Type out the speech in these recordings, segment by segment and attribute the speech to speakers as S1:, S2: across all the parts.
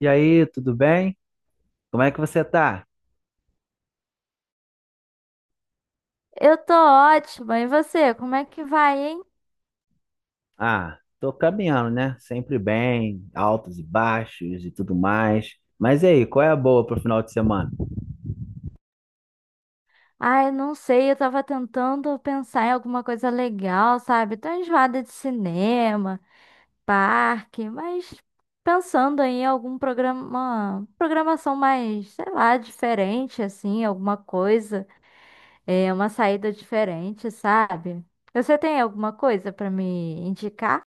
S1: E aí, tudo bem? Como é que você tá?
S2: Eu tô ótima. E você, como é que vai, hein?
S1: Ah, tô caminhando, né? Sempre bem, altos e baixos e tudo mais. Mas e aí, qual é a boa pro final de semana?
S2: Ai, não sei, eu tava tentando pensar em alguma coisa legal, sabe? Tô enjoada de cinema, parque, mas pensando em algum programação mais, sei lá, diferente, assim, alguma coisa, é, uma saída diferente, sabe? Você tem alguma coisa pra me indicar?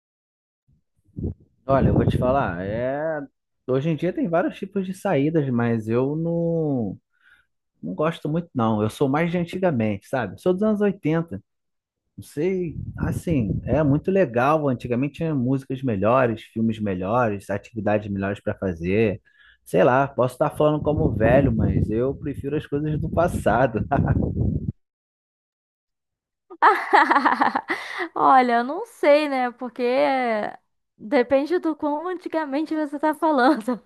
S1: Olha, eu vou te falar, hoje em dia tem vários tipos de saídas, mas eu não, não gosto muito, não. Eu sou mais de antigamente, sabe? Sou dos anos 80. Não sei, assim, é muito legal. Antigamente tinha músicas melhores, filmes melhores, atividades melhores para fazer. Sei lá, posso estar falando como velho, mas eu prefiro as coisas do passado.
S2: Olha, eu não sei, né? Porque depende do quão antigamente você tá falando.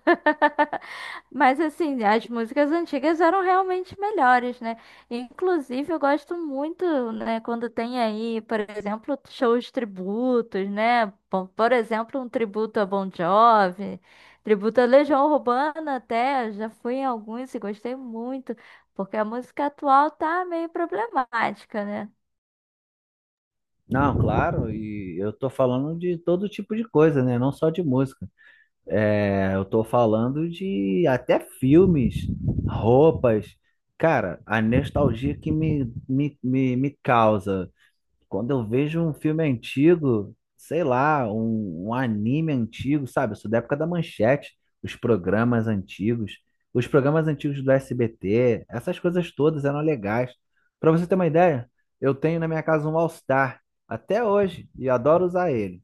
S2: Mas assim, as músicas antigas eram realmente melhores, né? Inclusive, eu gosto muito, né, quando tem aí, por exemplo, shows tributos, né? Bom, por exemplo, um tributo a Bon Jovi, tributo a Legião Urbana até, já fui em alguns e gostei muito, porque a música atual tá meio problemática, né?
S1: Não, claro, e eu tô falando de todo tipo de coisa, né? Não só de música. É, eu tô falando de até filmes, roupas. Cara, a nostalgia que me causa quando eu vejo um filme antigo, sei lá, um anime antigo, sabe? Eu sou da época da Manchete, os programas antigos, os programas antigos do SBT, essas coisas todas eram legais. Pra você ter uma ideia, eu tenho na minha casa um All Star até hoje e adoro usar ele.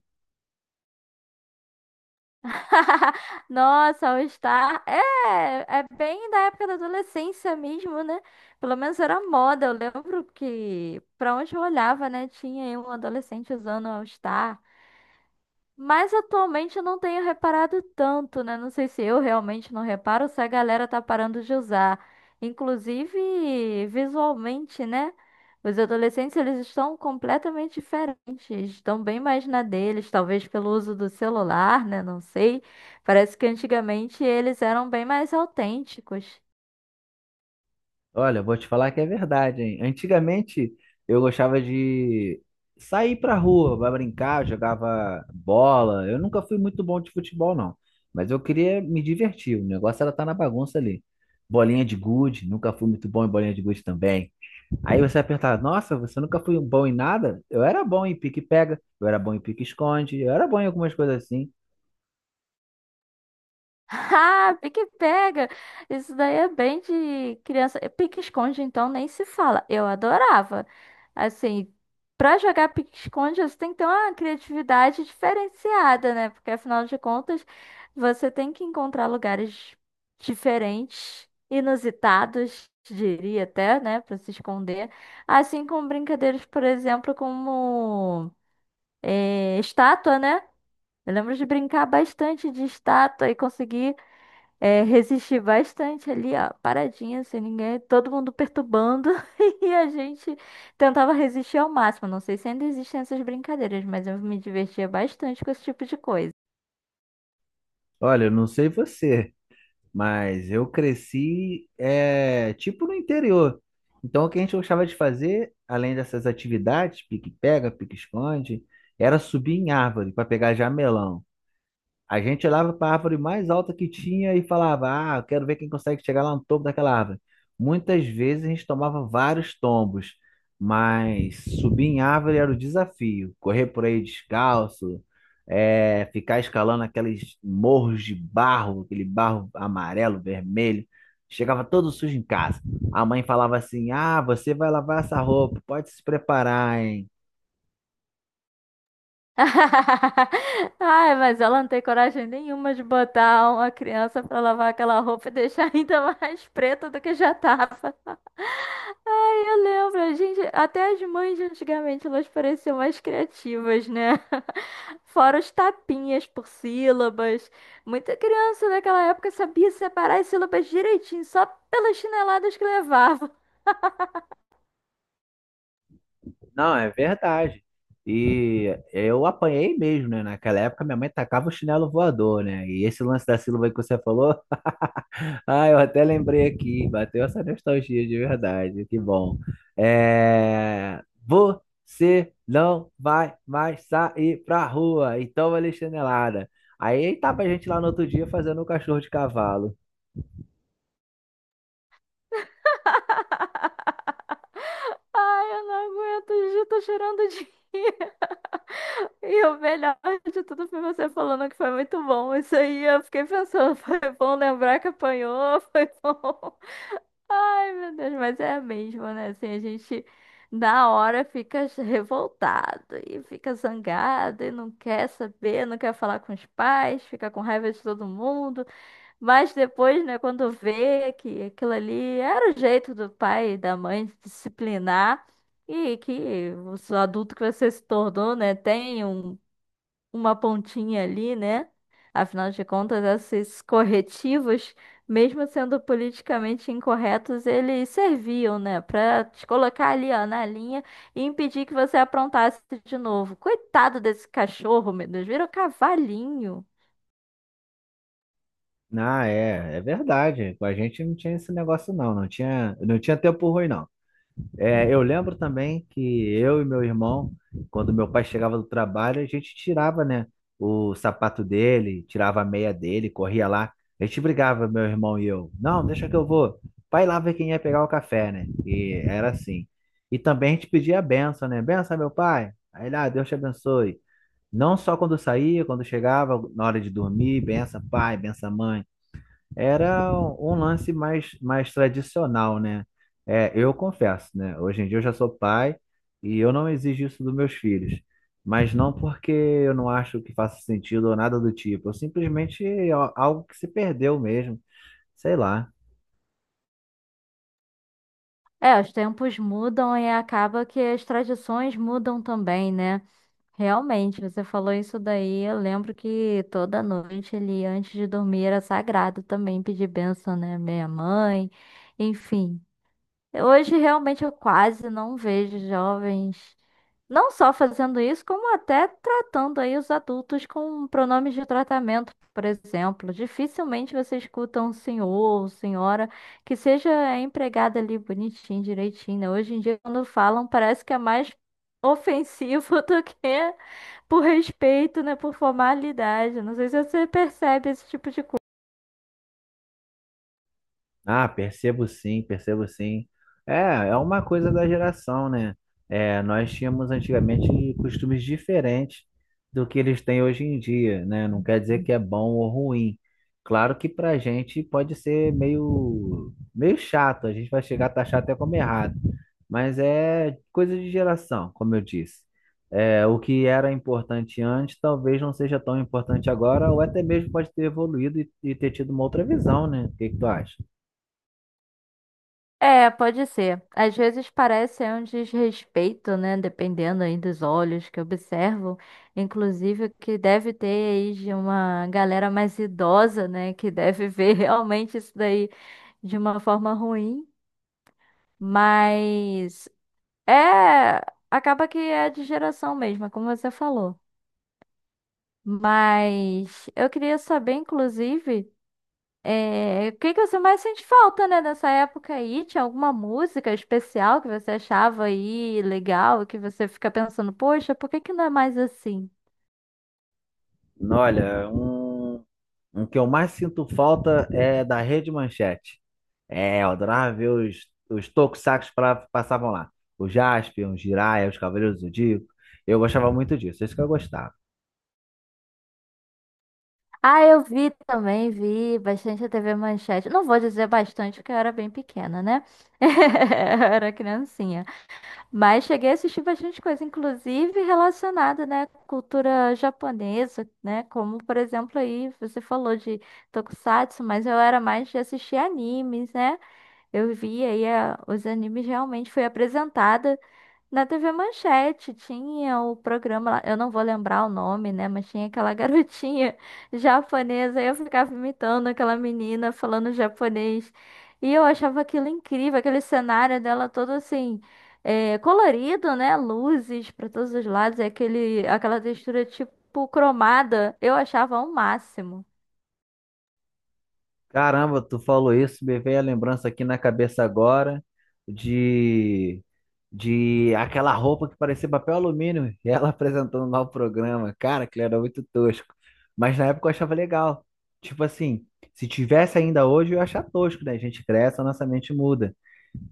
S2: Nossa, All-Star. É, é bem da época da adolescência mesmo, né? Pelo menos era moda. Eu lembro que pra onde eu olhava, né? Tinha aí um adolescente usando All-Star. Mas atualmente eu não tenho reparado tanto, né? Não sei se eu realmente não reparo ou se a galera tá parando de usar. Inclusive, visualmente, né? Os adolescentes, eles estão completamente diferentes, estão bem mais na deles, talvez pelo uso do celular, né? Não sei. Parece que antigamente eles eram bem mais autênticos.
S1: Olha, vou te falar que é verdade, hein? Antigamente eu gostava de sair pra rua, vai brincar, jogava bola. Eu nunca fui muito bom de futebol, não. Mas eu queria me divertir. O negócio era estar na bagunça ali. Bolinha de gude, nunca fui muito bom em bolinha de gude também. Aí você vai perguntar, nossa, você nunca foi bom em nada? Eu era bom em pique-pega, eu era bom em pique-esconde, eu era bom em algumas coisas assim.
S2: Ah, pique pega. Isso daí é bem de criança. E pique esconde, então, nem se fala. Eu adorava. Assim, pra jogar pique esconde, você tem que ter uma criatividade diferenciada, né? Porque afinal de contas, você tem que encontrar lugares diferentes, inusitados, diria até, né, pra se esconder. Assim como brincadeiras, por exemplo, como estátua, né? Eu lembro de brincar bastante de estátua e conseguir. É, resisti bastante ali, ó, paradinha, sem ninguém, todo mundo perturbando, e a gente tentava resistir ao máximo. Não sei se ainda existem essas brincadeiras, mas eu me divertia bastante com esse tipo de coisa.
S1: Olha, eu não sei você. Mas eu cresci, tipo, no interior. Então, o que a gente gostava de fazer, além dessas atividades, pique-pega, pique-esconde, era subir em árvore para pegar jamelão. A gente olhava para a árvore mais alta que tinha e falava: "Ah, eu quero ver quem consegue chegar lá no topo daquela árvore." Muitas vezes a gente tomava vários tombos, mas subir em árvore era o desafio. Correr por aí descalço, ficar escalando aqueles morros de barro, aquele barro amarelo, vermelho. Chegava todo sujo em casa. A mãe falava assim: "Ah, você vai lavar essa roupa, pode se preparar, hein?"
S2: Ai, mas ela não tem coragem nenhuma de botar uma criança pra lavar aquela roupa e deixar ainda mais preta do que já tava. Ai, eu lembro, a gente, até as mães de antigamente, elas pareciam mais criativas, né? Fora os tapinhas por sílabas. Muita criança daquela época sabia separar as sílabas direitinho, só pelas chineladas que levava.
S1: Não, é verdade. E eu apanhei mesmo, né? Naquela época minha mãe tacava o chinelo voador, né? E esse lance da Silva que você falou, ah, eu até lembrei aqui, bateu essa nostalgia de verdade, que bom. Você não vai mais sair pra rua, então vai ler chinelada. Aí tava a gente lá no outro dia fazendo um cachorro de cavalo.
S2: Ai, eu não aguento, já tô chorando de rir. E o melhor de tudo foi você falando que foi muito bom. Isso aí, eu fiquei pensando, foi bom lembrar que apanhou, foi bom. Ai, meu Deus, mas é mesmo, né? Assim, a gente na hora fica revoltado e fica zangado e não quer saber, não quer falar com os pais, fica com raiva de todo mundo. Mas depois, né, quando vê que aquilo ali era o jeito do pai e da mãe de disciplinar e que o adulto que você se tornou, né, tem uma pontinha ali, né? Afinal de contas, esses corretivos, mesmo sendo politicamente incorretos, eles serviam, né, pra te colocar ali, ó, na linha e impedir que você aprontasse de novo. Coitado desse cachorro, meu Deus, vira um cavalinho.
S1: Ah, é verdade. Com a gente não tinha esse negócio não, não tinha tempo ruim não. É, eu lembro também que eu e meu irmão, quando meu pai chegava do trabalho, a gente tirava, né, o sapato dele, tirava a meia dele, corria lá. A gente brigava, meu irmão e eu. Não, deixa que eu vou. Pai lá ver quem ia pegar o café, né? E era assim. E também a gente pedia a benção, né? Benção, meu pai. Aí lá, Deus te abençoe. Não só quando saía, quando chegava, na hora de dormir, benção, pai, benção, mãe. Era um lance mais tradicional, né? É, eu confesso, né? Hoje em dia eu já sou pai e eu não exijo isso dos meus filhos. Mas não porque eu não acho que faça sentido ou nada do tipo. Eu simplesmente é algo que se perdeu mesmo. Sei lá.
S2: É, os tempos mudam e acaba que as tradições mudam também, né? Realmente, você falou isso daí. Eu lembro que toda noite ele, antes de dormir, era sagrado também pedir bênção, né? Minha mãe, enfim. Hoje, realmente, eu quase não vejo jovens, não só fazendo isso, como até tratando aí os adultos com pronomes de tratamento, por exemplo. Dificilmente você escuta um senhor ou senhora que seja empregada ali bonitinho, direitinho, né? Hoje em dia, quando falam, parece que é mais ofensivo do que por respeito, né? Por formalidade. Não sei se você percebe esse tipo de coisa.
S1: Ah, percebo sim. É, é uma coisa da geração, né? É, nós tínhamos antigamente costumes diferentes do que eles têm hoje em dia, né? Não quer dizer que é bom ou ruim. Claro que pra gente pode ser meio chato, a gente vai chegar a taxar até como errado, mas é coisa de geração, como eu disse. É, o que era importante antes talvez não seja tão importante agora, ou até mesmo pode ter evoluído e ter tido uma outra visão, né? O que que tu acha?
S2: É, pode ser. Às vezes parece é um desrespeito, né? Dependendo aí dos olhos que observam. Inclusive, o que deve ter aí de uma galera mais idosa, né? Que deve ver realmente isso daí de uma forma ruim. Mas é. Acaba que é de geração mesmo, é como você falou. Mas eu queria saber, inclusive. É, o que que você mais sente falta, né, dessa época aí? Tinha alguma música especial que você achava aí legal, que você fica pensando, poxa, por que que não é mais assim?
S1: Olha, um que eu mais sinto falta é da Rede Manchete. É, eu adorava ver os tokusakus pra, passavam lá. O Jaspion, o Jiraiya, os Cavaleiros do Zodíaco. Eu gostava muito disso, isso que eu gostava.
S2: Ah, eu vi também, vi bastante a TV Manchete. Não vou dizer bastante, porque eu era bem pequena, né? Eu era criancinha. Mas cheguei a assistir bastante coisa, inclusive relacionada, né, à cultura japonesa, né? Como, por exemplo, aí você falou de Tokusatsu, mas eu era mais de assistir animes, né? Eu via e os animes realmente foi apresentada na TV Manchete. Tinha o programa lá, eu não vou lembrar o nome, né? Mas tinha aquela garotinha japonesa, e eu ficava imitando aquela menina falando japonês. E eu achava aquilo incrível, aquele cenário dela todo assim, é, colorido, né? Luzes para todos os lados, e aquela textura tipo cromada. Eu achava o máximo.
S1: Caramba, tu falou isso, me veio a lembrança aqui na cabeça agora de de aquela roupa que parecia papel alumínio, e ela apresentando lá o programa. Cara, aquilo era muito tosco. Mas na época eu achava legal. Tipo assim, se tivesse ainda hoje, eu ia achar tosco, né? A gente cresce, a nossa mente muda.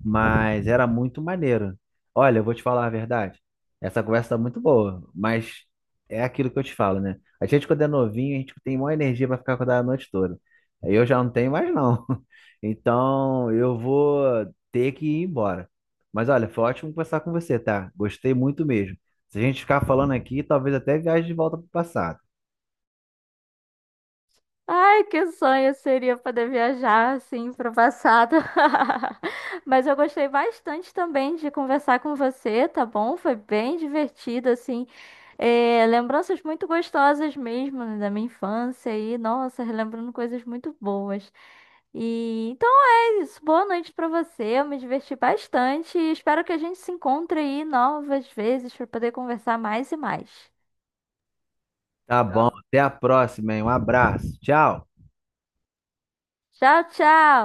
S1: Mas era muito maneiro. Olha, eu vou te falar a verdade. Essa conversa tá muito boa, mas é aquilo que eu te falo, né? A gente, quando é novinho, a gente tem maior energia para ficar acordado a noite toda. Aí eu já não tenho mais, não. Então, eu vou ter que ir embora. Mas olha, foi ótimo conversar com você, tá? Gostei muito mesmo. Se a gente ficar falando aqui, talvez até viaje de volta pro passado.
S2: Ai, que sonho seria poder viajar assim para o passado. Mas eu gostei bastante também de conversar com você, tá bom? Foi bem divertido, assim. É, lembranças muito gostosas mesmo, né, da minha infância e, nossa, relembrando coisas muito boas. E então é isso. Boa noite para você. Eu me diverti bastante e espero que a gente se encontre aí novas vezes para poder conversar mais e mais.
S1: Tá bom, até a próxima, hein? Um abraço. Tchau.
S2: Tchau, tchau!